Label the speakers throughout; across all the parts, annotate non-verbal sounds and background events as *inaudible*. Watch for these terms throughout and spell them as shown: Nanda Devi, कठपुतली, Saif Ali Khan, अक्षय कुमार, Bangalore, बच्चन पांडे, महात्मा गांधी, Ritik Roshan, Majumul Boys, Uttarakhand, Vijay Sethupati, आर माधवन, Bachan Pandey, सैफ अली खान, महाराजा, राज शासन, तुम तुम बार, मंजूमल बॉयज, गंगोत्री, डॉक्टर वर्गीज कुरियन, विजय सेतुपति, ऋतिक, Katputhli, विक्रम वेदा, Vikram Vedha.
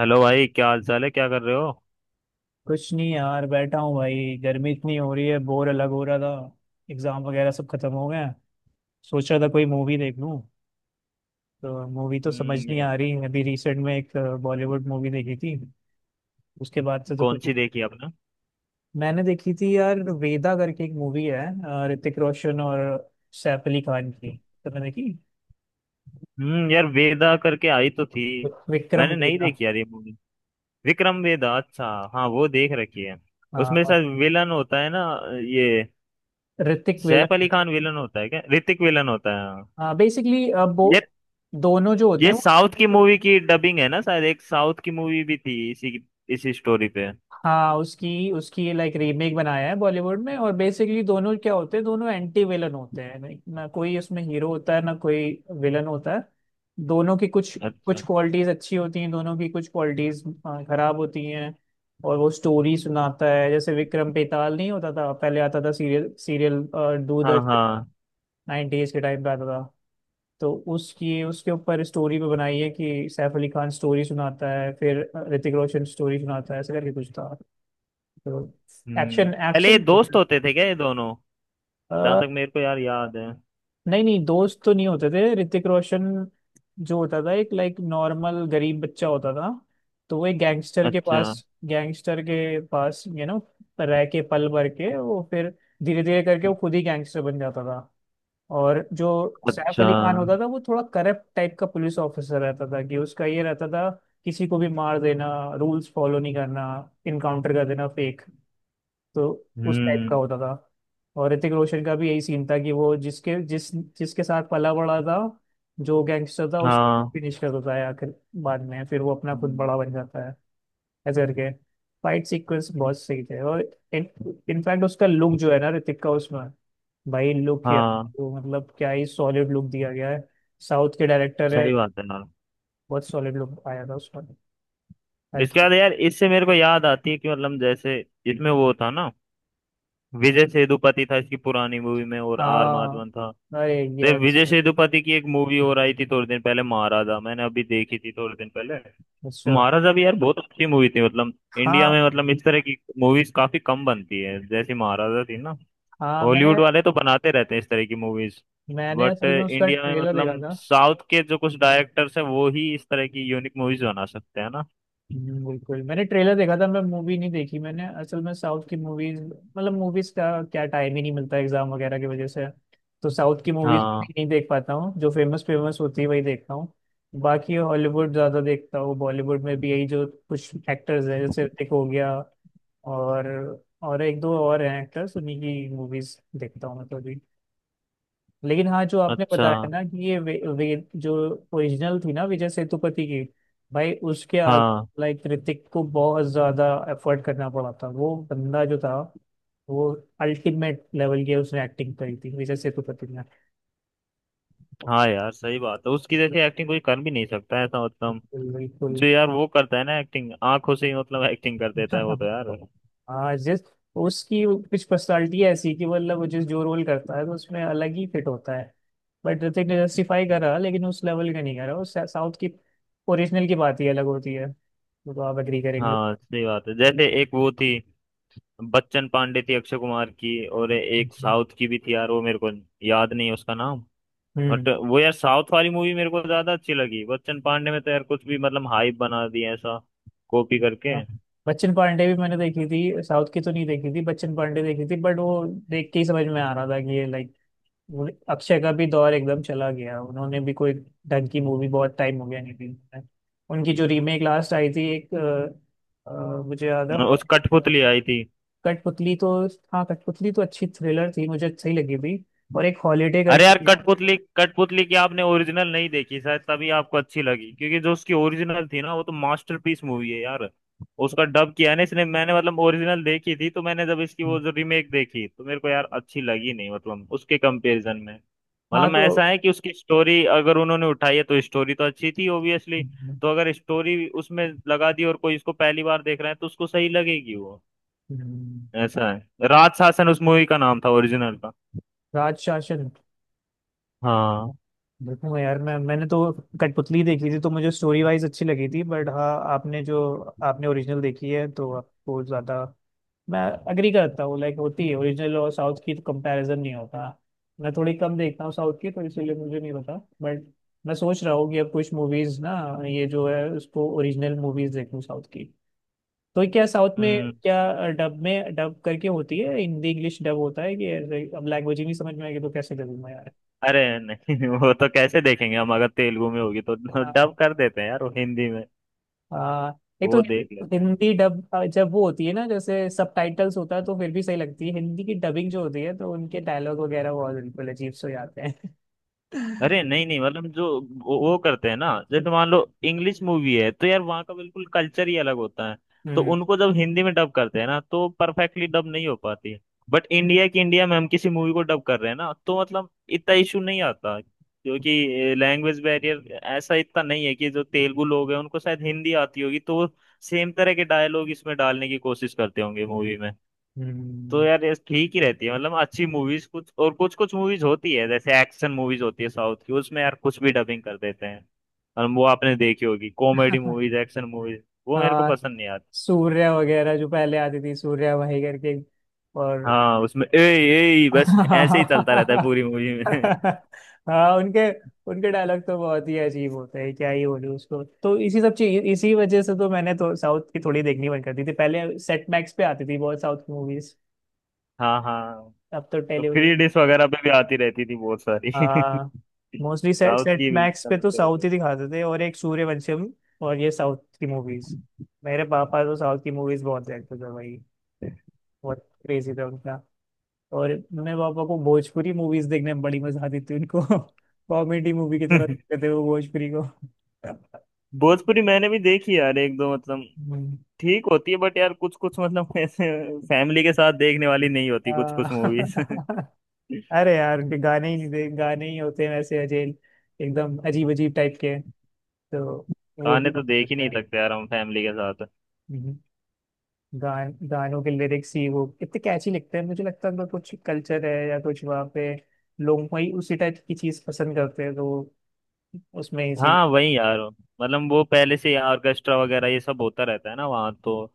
Speaker 1: Hello भाई, क्या हाल चाल है? क्या कर रहे हो?
Speaker 2: कुछ नहीं यार, बैठा हूँ भाई। गर्मी इतनी हो रही है, बोर अलग हो रहा था। एग्जाम वगैरह सब खत्म हो गए हैं। सोच रहा था कोई मूवी देख लूँ। तो मूवी तो समझ नहीं आ
Speaker 1: हम्म।
Speaker 2: रही। अभी रिसेंट में एक बॉलीवुड मूवी देखी थी। उसके बाद से तो
Speaker 1: कौन
Speaker 2: कुछ।
Speaker 1: सी देखी आपने?
Speaker 2: मैंने देखी थी यार, वेदा करके एक मूवी है। ऋतिक रोशन और सैफ अली खान की। तुमने देखी
Speaker 1: यार, वेदा करके आई तो थी।
Speaker 2: विक्रम
Speaker 1: मैंने नहीं
Speaker 2: वेदा?
Speaker 1: देखी यार ये मूवी। विक्रम वेदा, अच्छा। हाँ, वो देख रखी है। उसमें
Speaker 2: हाँ।
Speaker 1: शायद विलन होता है ना। ये
Speaker 2: ऋतिक
Speaker 1: सैफ
Speaker 2: वेलक।
Speaker 1: अली खान विलन होता है क्या? ऋतिक विलन होता है? हाँ।
Speaker 2: हाँ, बेसिकली अब वो
Speaker 1: ये
Speaker 2: दोनों जो होते
Speaker 1: ये
Speaker 2: हैं वो।
Speaker 1: साउथ की मूवी की डबिंग है ना शायद, एक साउथ की मूवी भी थी इसी इसी स्टोरी पे।
Speaker 2: हाँ, उसकी उसकी लाइक रीमेक बनाया है बॉलीवुड में। और बेसिकली दोनों क्या होते हैं? दोनों एंटी विलन होते हैं, like, ना कोई उसमें हीरो होता है ना कोई विलन होता है। दोनों की कुछ
Speaker 1: अच्छा।
Speaker 2: कुछ क्वालिटीज अच्छी होती हैं, दोनों की कुछ क्वालिटीज खराब होती हैं। और वो स्टोरी सुनाता है, जैसे विक्रम बेताल नहीं होता था, पहले आता था सीरियल सीरियल
Speaker 1: हाँ
Speaker 2: दूरदर्शन
Speaker 1: हाँ।
Speaker 2: 90s के टाइम पे आता था। तो उसकी उसके ऊपर स्टोरी पे बनाई है कि सैफ अली खान स्टोरी सुनाता है, फिर ऋतिक रोशन स्टोरी सुनाता है, ऐसे करके कुछ था तो। एक्शन
Speaker 1: पहले ये
Speaker 2: एक्शन।
Speaker 1: दोस्त होते थे क्या ये दोनों? जहां
Speaker 2: आ,
Speaker 1: तक मेरे को यार याद है।
Speaker 2: नहीं नहीं, दोस्त तो नहीं होते थे। ऋतिक रोशन जो होता था, एक लाइक नॉर्मल गरीब बच्चा होता था। तो वो एक गैंगस्टर के
Speaker 1: अच्छा।
Speaker 2: पास गैंगस्टर के पास रह के पल भर के वो फिर धीरे धीरे करके वो खुद ही गैंगस्टर बन जाता था। और जो सैफ
Speaker 1: अच्छा।
Speaker 2: अली खान होता था वो थोड़ा करप्ट टाइप का पुलिस ऑफिसर रहता था, कि उसका ये रहता था, किसी को भी मार देना, रूल्स फॉलो नहीं करना, इनकाउंटर कर देना फेक, तो उस टाइप का
Speaker 1: हम्म।
Speaker 2: होता था। और ऋतिक रोशन का भी यही सीन था कि वो जिसके साथ पला बड़ा था, जो गैंगस्टर था, उस
Speaker 1: हाँ।
Speaker 2: फिनिश कर देता है आखिर। बाद में फिर वो अपना खुद
Speaker 1: हम्म।
Speaker 2: बड़ा बन जाता है। ऐसे करके फाइट सीक्वेंस बहुत सही थे। और इनफैक्ट उसका लुक जो है ना, ऋतिक का उसमें, भाई लुक क्या,
Speaker 1: हाँ,
Speaker 2: वो मतलब क्या ही सॉलिड लुक दिया गया है, साउथ के डायरेक्टर है,
Speaker 1: सही बात है यार।
Speaker 2: बहुत सॉलिड लुक आया था उसमें,
Speaker 1: इसके
Speaker 2: हल्की।
Speaker 1: बाद यार इससे मेरे को याद आती है कि मतलब, जैसे इसमें वो था ना, विजय सेतुपति था इसकी पुरानी मूवी में, और आर
Speaker 2: हाँ।
Speaker 1: माधवन था।
Speaker 2: अरे ये
Speaker 1: तो ये विजय
Speaker 2: अच्छा।
Speaker 1: सेतुपति की एक मूवी और आई थी थोड़े दिन पहले, महाराजा, मैंने अभी देखी थी थोड़े दिन पहले।
Speaker 2: अच्छा।
Speaker 1: महाराजा भी यार बहुत अच्छी मूवी थी। मतलब इंडिया
Speaker 2: हाँ
Speaker 1: में, मतलब इस तरह की मूवीज काफी कम बनती है जैसी महाराजा थी ना।
Speaker 2: हाँ। मैंने
Speaker 1: हॉलीवुड वाले तो बनाते रहते हैं इस तरह की मूवीज।
Speaker 2: मैंने
Speaker 1: बट
Speaker 2: असल में उसका
Speaker 1: इंडिया में,
Speaker 2: ट्रेलर देखा
Speaker 1: मतलब
Speaker 2: था।
Speaker 1: साउथ के जो कुछ डायरेक्टर्स हैं वो ही इस तरह की यूनिक मूवीज बना सकते हैं ना।
Speaker 2: बिल्कुल मैंने ट्रेलर देखा था, मैं मूवी नहीं देखी। मैंने असल में साउथ की मूवीज, मतलब मूवीज का क्या टाइम ही नहीं मिलता एग्जाम वगैरह की वजह से। तो साउथ की मूवीज
Speaker 1: हाँ।
Speaker 2: नहीं देख पाता हूँ, जो फेमस फेमस होती है वही देखता हूँ। बाकी हॉलीवुड ज्यादा देखता हूँ, बॉलीवुड में भी यही जो कुछ एक्टर्स हैं जैसे ऋतिक हो गया और और एक दो और हैं एक्टर्स, उन्हीं की मूवीज देखता हूँ मैं तो भी। लेकिन हाँ, जो आपने
Speaker 1: अच्छा।
Speaker 2: बताया ना, कि ये वे, वे, जो ओरिजिनल थी ना विजय सेतुपति की, भाई उसके आगे
Speaker 1: हाँ
Speaker 2: लाइक ऋतिक को बहुत ज्यादा एफर्ट करना पड़ा था। वो बंदा जो था वो, अल्टीमेट लेवल की उसने एक्टिंग करी थी विजय सेतुपति ने।
Speaker 1: हाँ, यार सही बात है। उसकी जैसी एक्टिंग कोई कर भी नहीं सकता है ऐसा, मतलब
Speaker 2: बिल्कुल बिल्कुल।
Speaker 1: जो यार वो करता है ना, एक्टिंग आंखों से ही, मतलब एक्टिंग कर देता है
Speaker 2: *laughs*
Speaker 1: वो तो यार।
Speaker 2: हाँ, जिस उसकी कुछ पर्सनालिटी ऐसी, कि मतलब वो जिस जो रोल करता है तो उसमें अलग ही फिट होता है। बट ऋतिक ने जस्टिफाई करा लेकिन उस लेवल का नहीं करा, उस साउथ की ओरिजिनल की बात ही अलग होती है। वो तो आप एग्री करेंगे।
Speaker 1: हाँ सही बात है। जैसे एक वो थी, बच्चन पांडे थी अक्षय कुमार की, और एक
Speaker 2: हम्म।
Speaker 1: साउथ की भी थी यार, वो मेरे को याद नहीं है उसका नाम। बट वो यार साउथ वाली मूवी मेरे को ज्यादा अच्छी लगी। बच्चन पांडे में तो यार कुछ भी, मतलब हाइप बना दिया ऐसा, कॉपी करके।
Speaker 2: हाँ। बच्चन पांडे भी मैंने देखी थी, साउथ की तो नहीं देखी थी, बच्चन पांडे देखी थी, बट वो देख के ही समझ में आ रहा था कि ये लाइक अक्षय का भी दौर एकदम चला गया। उन्होंने भी कोई ढंग की मूवी बहुत टाइम हो गया नहीं थी। उनकी जो रीमेक लास्ट आई थी एक मुझे याद है,
Speaker 1: उस
Speaker 2: हॉली-
Speaker 1: कठपुतली आई थी।
Speaker 2: कठपुतली तो हाँ, कठपुतली तो अच्छी थ्रिलर थी, मुझे सही लगी थी। और एक हॉलीडे
Speaker 1: अरे यार
Speaker 2: करके।
Speaker 1: कठपुतली कठपुतली की आपने ओरिजिनल नहीं देखी शायद, तभी आपको अच्छी लगी, क्योंकि जो उसकी ओरिजिनल थी ना, वो तो मास्टरपीस मूवी है यार। उसका डब किया है ना इसने। मैंने मतलब ओरिजिनल देखी थी, तो मैंने जब इसकी वो जो रीमेक देखी तो मेरे को यार अच्छी लगी नहीं, मतलब उसके कंपैरिजन में।
Speaker 2: हाँ
Speaker 1: मतलब
Speaker 2: तो।
Speaker 1: ऐसा है कि उसकी स्टोरी अगर उन्होंने उठाई है तो स्टोरी तो अच्छी थी ओबियसली।
Speaker 2: हम्म,
Speaker 1: तो अगर स्टोरी उसमें लगा दी और कोई इसको पहली बार देख रहा है तो उसको सही लगेगी वो। ऐसा है, राज शासन उस मूवी का नाम था, ओरिजिनल का।
Speaker 2: राज शासन देखूंगा यार। मैंने तो कठपुतली देखी थी तो मुझे स्टोरी वाइज अच्छी लगी थी, बट हाँ, आपने जो आपने ओरिजिनल देखी है तो आपको ज्यादा, मैं अग्री करता हूँ, लाइक होती है ओरिजिनल और साउथ की, तो कंपैरिजन नहीं होता। मैं थोड़ी कम देखता हूँ साउथ की, तो इसीलिए मुझे नहीं पता, बट मैं सोच रहा हूँ कि अब कुछ मूवीज ना, ये जो है उसको ओरिजिनल मूवीज देखूँ साउथ की। तो क्या साउथ में,
Speaker 1: हाँ।
Speaker 2: क्या डब में डब करके होती है हिंदी, इंग्लिश डब होता है, कि ब्लैक लैंग्वेज ही नहीं समझ में आएगी तो कैसे करूँ मैं
Speaker 1: अरे नहीं, *laughs* वो तो कैसे देखेंगे हम? अगर तेलुगु में होगी तो
Speaker 2: यार।
Speaker 1: डब कर देते हैं यार वो हिंदी में।
Speaker 2: आ, एक तो
Speaker 1: वो देख लेते हैं।
Speaker 2: हिंदी डब, जब वो होती है ना, जैसे सबटाइटल्स होता है तो फिर भी सही लगती है, हिंदी की डबिंग जो होती है तो उनके डायलॉग वगैरह बहुत बिल्कुल अजीब से हो जाते हैं।
Speaker 1: अरे
Speaker 2: *laughs*
Speaker 1: नहीं नहीं, मतलब जो वो करते हैं ना, जैसे मान लो इंग्लिश मूवी है तो यार वहाँ का बिल्कुल कल्चर ही अलग होता है। तो
Speaker 2: हम्म।
Speaker 1: उनको जब हिंदी में डब करते हैं ना, तो परफेक्टली डब नहीं हो पाती। बट इंडिया की, इंडिया में हम किसी मूवी को डब कर रहे हैं ना, तो मतलब इतना इशू नहीं आता, क्योंकि लैंग्वेज बैरियर ऐसा इतना नहीं है। कि जो तेलुगु लोग हैं उनको शायद हिंदी आती होगी, तो वो सेम तरह के डायलॉग इसमें डालने की कोशिश करते होंगे मूवी में। तो
Speaker 2: हम्म।
Speaker 1: यार ये ठीक ही रहती है। मतलब अच्छी मूवीज कुछ, और कुछ कुछ मूवीज होती है जैसे एक्शन मूवीज होती है साउथ की, उसमें यार कुछ भी डबिंग कर देते हैं। और वो आपने देखी होगी कॉमेडी मूवीज, एक्शन मूवीज,
Speaker 2: *laughs*
Speaker 1: वो मेरे को
Speaker 2: आ,
Speaker 1: पसंद नहीं आती।
Speaker 2: सूर्या वगैरह जो पहले आती थी, सूर्या भाई करके और।
Speaker 1: हाँ उसमें ए, ए बस ऐसे ही चलता रहता है
Speaker 2: हाँ
Speaker 1: पूरी मूवी में।
Speaker 2: हाँ, उनके उनके डायलॉग तो बहुत ही अजीब होते हैं, क्या ही बोलूं उसको, तो इसी सब चीज, इसी वजह से तो मैंने तो साउथ की थोड़ी देखनी बंद कर दी थी, पहले सेट मैक्स पे आती थी बहुत साउथ की मूवीज।
Speaker 1: *laughs* हाँ हाँ।
Speaker 2: अब तो टेलीविजन।
Speaker 1: फ्री डिश वगैरह पे भी आती रहती थी बहुत सारी।
Speaker 2: हाँ,
Speaker 1: *laughs*
Speaker 2: मोस्टली सेट
Speaker 1: साउथ
Speaker 2: सेट
Speaker 1: की भी
Speaker 2: मैक्स पे तो
Speaker 1: चलते
Speaker 2: साउथ
Speaker 1: रहते।
Speaker 2: ही दिखाते थे, और एक सूर्यवंशम, और ये साउथ की मूवीज, मेरे पापा तो साउथ की मूवीज बहुत देखते थे भाई, बहुत क्रेजी था उनका। और मम्मी पापा को भोजपुरी मूवीज देखने में बड़ी मजा आती थी उनको, *laughs* कॉमेडी मूवी की तरह
Speaker 1: *laughs*
Speaker 2: देखते थे वो भोजपुरी को।
Speaker 1: भोजपुरी मैंने भी देखी यार, एक दो मतलब
Speaker 2: हम्म।
Speaker 1: ठीक होती है, बट यार कुछ कुछ मतलब, *laughs* ऐसे फैमिली के साथ देखने वाली नहीं होती कुछ
Speaker 2: आ,
Speaker 1: कुछ मूवीज। *laughs*
Speaker 2: *laughs* अरे यार, ये गाने ही नहीं दे, गाने ही होते हैं वैसे अजेल, एकदम अजीब अजीब टाइप के, तो वो भी
Speaker 1: गाने तो देख ही
Speaker 2: होते
Speaker 1: नहीं
Speaker 2: हैं।
Speaker 1: सकते यार हम फैमिली के साथ।
Speaker 2: हम्म। गानों के लिरिक्स ही वो इतने कैची लिखते हैं, मुझे लगता है उनका कुछ कल्चर है या कुछ, वहाँ पे लोग वही उसी टाइप की चीज पसंद करते हैं, तो वो उसमें इसी।
Speaker 1: हाँ वही यार, मतलब वो पहले से ऑर्केस्ट्रा वगैरह ये सब होता रहता है ना वहाँ, तो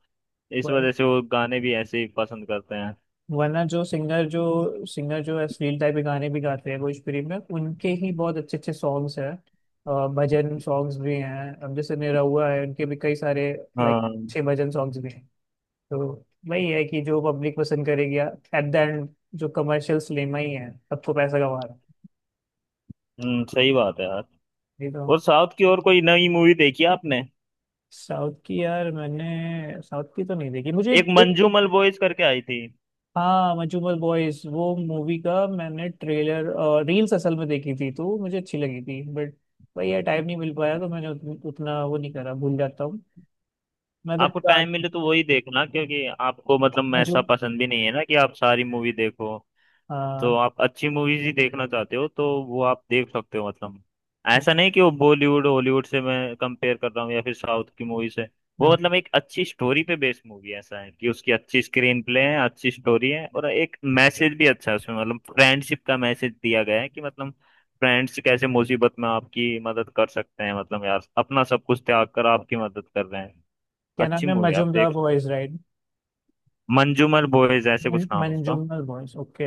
Speaker 1: इस वजह से वो गाने भी ऐसे ही पसंद करते हैं।
Speaker 2: वरना जो सिंगर जो अश्लील टाइप के गाने भी गाते हैं भोजपुरी में, उनके ही बहुत अच्छे अच्छे सॉन्ग्स हैं। भजन सॉन्ग्स भी हैं, अब जैसे निरहुआ है, उनके भी कई सारे लाइक
Speaker 1: हाँ।
Speaker 2: छह भजन सॉन्ग्स भी हैं। तो वही है कि जो पब्लिक पसंद करेगी एट द एंड, जो कमर्शियल सिनेमा ही है सबको पैसा कमा रहा है,
Speaker 1: सही बात है यार।
Speaker 2: ये तो।
Speaker 1: और साउथ की और कोई नई मूवी देखी है आपने?
Speaker 2: साउथ की, यार मैंने साउथ की तो नहीं देखी, मुझे
Speaker 1: एक
Speaker 2: एक।
Speaker 1: मंजूमल बॉयज करके आई थी।
Speaker 2: हाँ, मजूमल बॉयज, वो मूवी का मैंने ट्रेलर, रील्स असल में देखी थी तो वो मुझे अच्छी लगी थी, बट भाई यार टाइम नहीं मिल पाया तो मैंने उतना वो नहीं करा, भूल जाता हूँ मैं तो।
Speaker 1: आपको टाइम मिले तो वही देखना, क्योंकि आपको मतलब ऐसा
Speaker 2: मजूम।
Speaker 1: पसंद भी नहीं है ना कि आप सारी मूवी देखो, तो
Speaker 2: हाँ।
Speaker 1: आप अच्छी मूवीज ही देखना चाहते हो, तो वो आप देख सकते हो। मतलब
Speaker 2: हम्म,
Speaker 1: ऐसा नहीं कि वो बॉलीवुड हॉलीवुड से मैं कंपेयर कर रहा हूँ या फिर साउथ की मूवी से। वो
Speaker 2: हम्म।
Speaker 1: मतलब एक अच्छी स्टोरी पे बेस्ड मूवी, ऐसा है कि उसकी अच्छी स्क्रीन प्ले है, अच्छी स्टोरी है, और एक मैसेज भी अच्छा है उसमें। मतलब फ्रेंडशिप का मैसेज दिया गया है कि, मतलब फ्रेंड्स कैसे मुसीबत में आपकी मदद कर सकते हैं, मतलब यार अपना सब कुछ त्याग कर आपकी मदद कर रहे हैं।
Speaker 2: क्या
Speaker 1: अच्छी
Speaker 2: नाम है,
Speaker 1: मूवी आप
Speaker 2: मजूमदार
Speaker 1: देख।
Speaker 2: Boys right?
Speaker 1: मंजूमर बॉयज, ऐसे कुछ नाम उसका।
Speaker 2: Manjumdar boys, okay.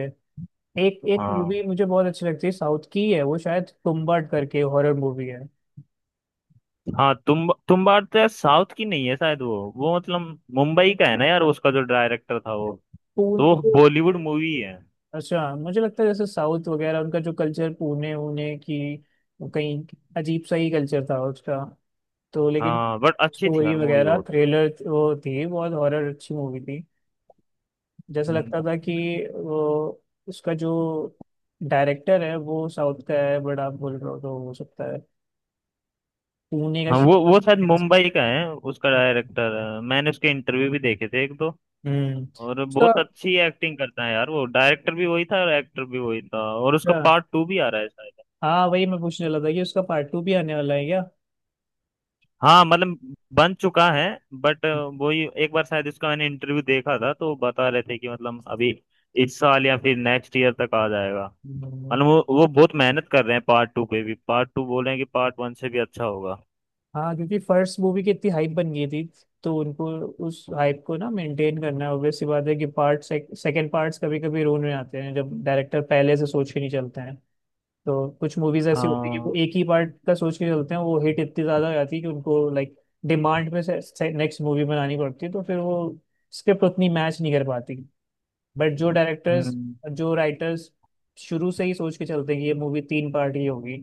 Speaker 2: एक एक
Speaker 1: हाँ
Speaker 2: मूवी मुझे बहुत अच्छी लगती है साउथ की, है वो शायद तुम्बाड करके, हॉरर मूवी है
Speaker 1: हाँ, तुम बार तो यार साउथ की नहीं है शायद। वो मतलब मुंबई का है ना यार, उसका जो डायरेक्टर था वो, तो वो
Speaker 2: तो।
Speaker 1: बॉलीवुड मूवी है।
Speaker 2: अच्छा, मुझे लगता है जैसे साउथ वगैरह उनका जो कल्चर, पुणे उने की, वो कहीं अजीब सा ही कल्चर था उसका। तो लेकिन
Speaker 1: हाँ बट अच्छी थी
Speaker 2: स्टोरी
Speaker 1: यार मूवी
Speaker 2: वगैरह
Speaker 1: वो तो।
Speaker 2: थ्रिलर वो थी बहुत, हॉरर अच्छी मूवी थी, जैसा
Speaker 1: हम्म।
Speaker 2: लगता था कि वो, उसका जो डायरेक्टर है वो साउथ का है, बट आप बोल रहे हो तो हो सकता है पुणे का
Speaker 1: हाँ
Speaker 2: शि-
Speaker 1: वो शायद मुंबई का है। उसका डायरेक्टर, मैंने उसके इंटरव्यू भी देखे थे एक दो।
Speaker 2: हम्म।
Speaker 1: और
Speaker 2: उसका,
Speaker 1: बहुत अच्छी एक्टिंग करता है यार। वो डायरेक्टर भी वही था और एक्टर भी वही था, और उसका
Speaker 2: अच्छा,
Speaker 1: पार्ट टू भी आ रहा है शायद।
Speaker 2: हाँ वही मैं पूछने वाला था कि उसका पार्ट टू भी आने वाला है क्या?
Speaker 1: हाँ मतलब बन चुका है, बट वही एक बार शायद इसका मैंने इंटरव्यू देखा था, तो बता रहे थे कि मतलब अभी इस साल या फिर नेक्स्ट ईयर तक आ जाएगा।
Speaker 2: हम्म।
Speaker 1: मतलब वो बहुत मेहनत कर रहे हैं पार्ट टू पे भी। पार्ट टू बोल रहे हैं कि पार्ट वन से भी अच्छा होगा।
Speaker 2: हाँ, क्योंकि फर्स्ट मूवी की इतनी हाइप बन गई थी, तो उनको उस हाइप को ना मेंटेन करना है, ऑब्वियस सी बात है कि पार्ट सेकंड, पार्ट्स कभी कभी रोन में आते हैं जब डायरेक्टर पहले से सोच के नहीं चलते हैं। तो कुछ मूवीज ऐसी होती है कि वो
Speaker 1: हाँ।
Speaker 2: एक ही पार्ट का सोच के चलते हैं, वो हिट इतनी ज्यादा हो जाती है कि उनको लाइक डिमांड में से, नेक्स्ट मूवी बनानी पड़ती है, तो फिर वो स्क्रिप्ट उतनी मैच नहीं कर पाती। बट जो डायरेक्टर्स,
Speaker 1: हम्म।
Speaker 2: जो राइटर्स शुरू से ही सोच के चलते हैं कि ये मूवी तीन पार्ट ही होगी,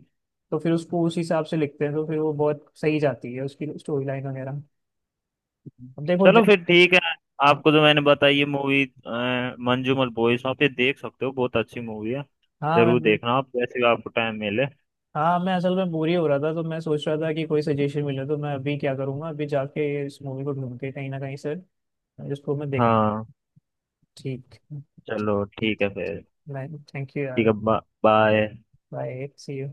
Speaker 2: तो फिर उसको उस हिसाब से लिखते हैं, तो फिर वो बहुत सही जाती है, उसकी स्टोरी लाइन वगैरह। अब देखो ज-
Speaker 1: चलो फिर ठीक है। आपको जो मैंने बताई ये मूवी, मंजूमल बॉयज, वहाँ पे देख सकते हो, बहुत अच्छी मूवी है।
Speaker 2: हाँ मैं
Speaker 1: जरूर
Speaker 2: बिल-
Speaker 1: देखना आप, जैसे भी आपको टाइम मिले।
Speaker 2: हाँ, मैं असल में बोर ही हो रहा था तो मैं सोच रहा था कि कोई सजेशन मिले, तो मैं अभी क्या करूँगा, अभी जाके इस मूवी को ढूंढ के कहीं ना कहीं से जिसको मैं देख।
Speaker 1: हाँ
Speaker 2: ठीक।
Speaker 1: चलो
Speaker 2: ठीक।
Speaker 1: ठीक है फिर।
Speaker 2: थैंक यू
Speaker 1: ठीक
Speaker 2: यार।
Speaker 1: है बाय।
Speaker 2: Bye, see you.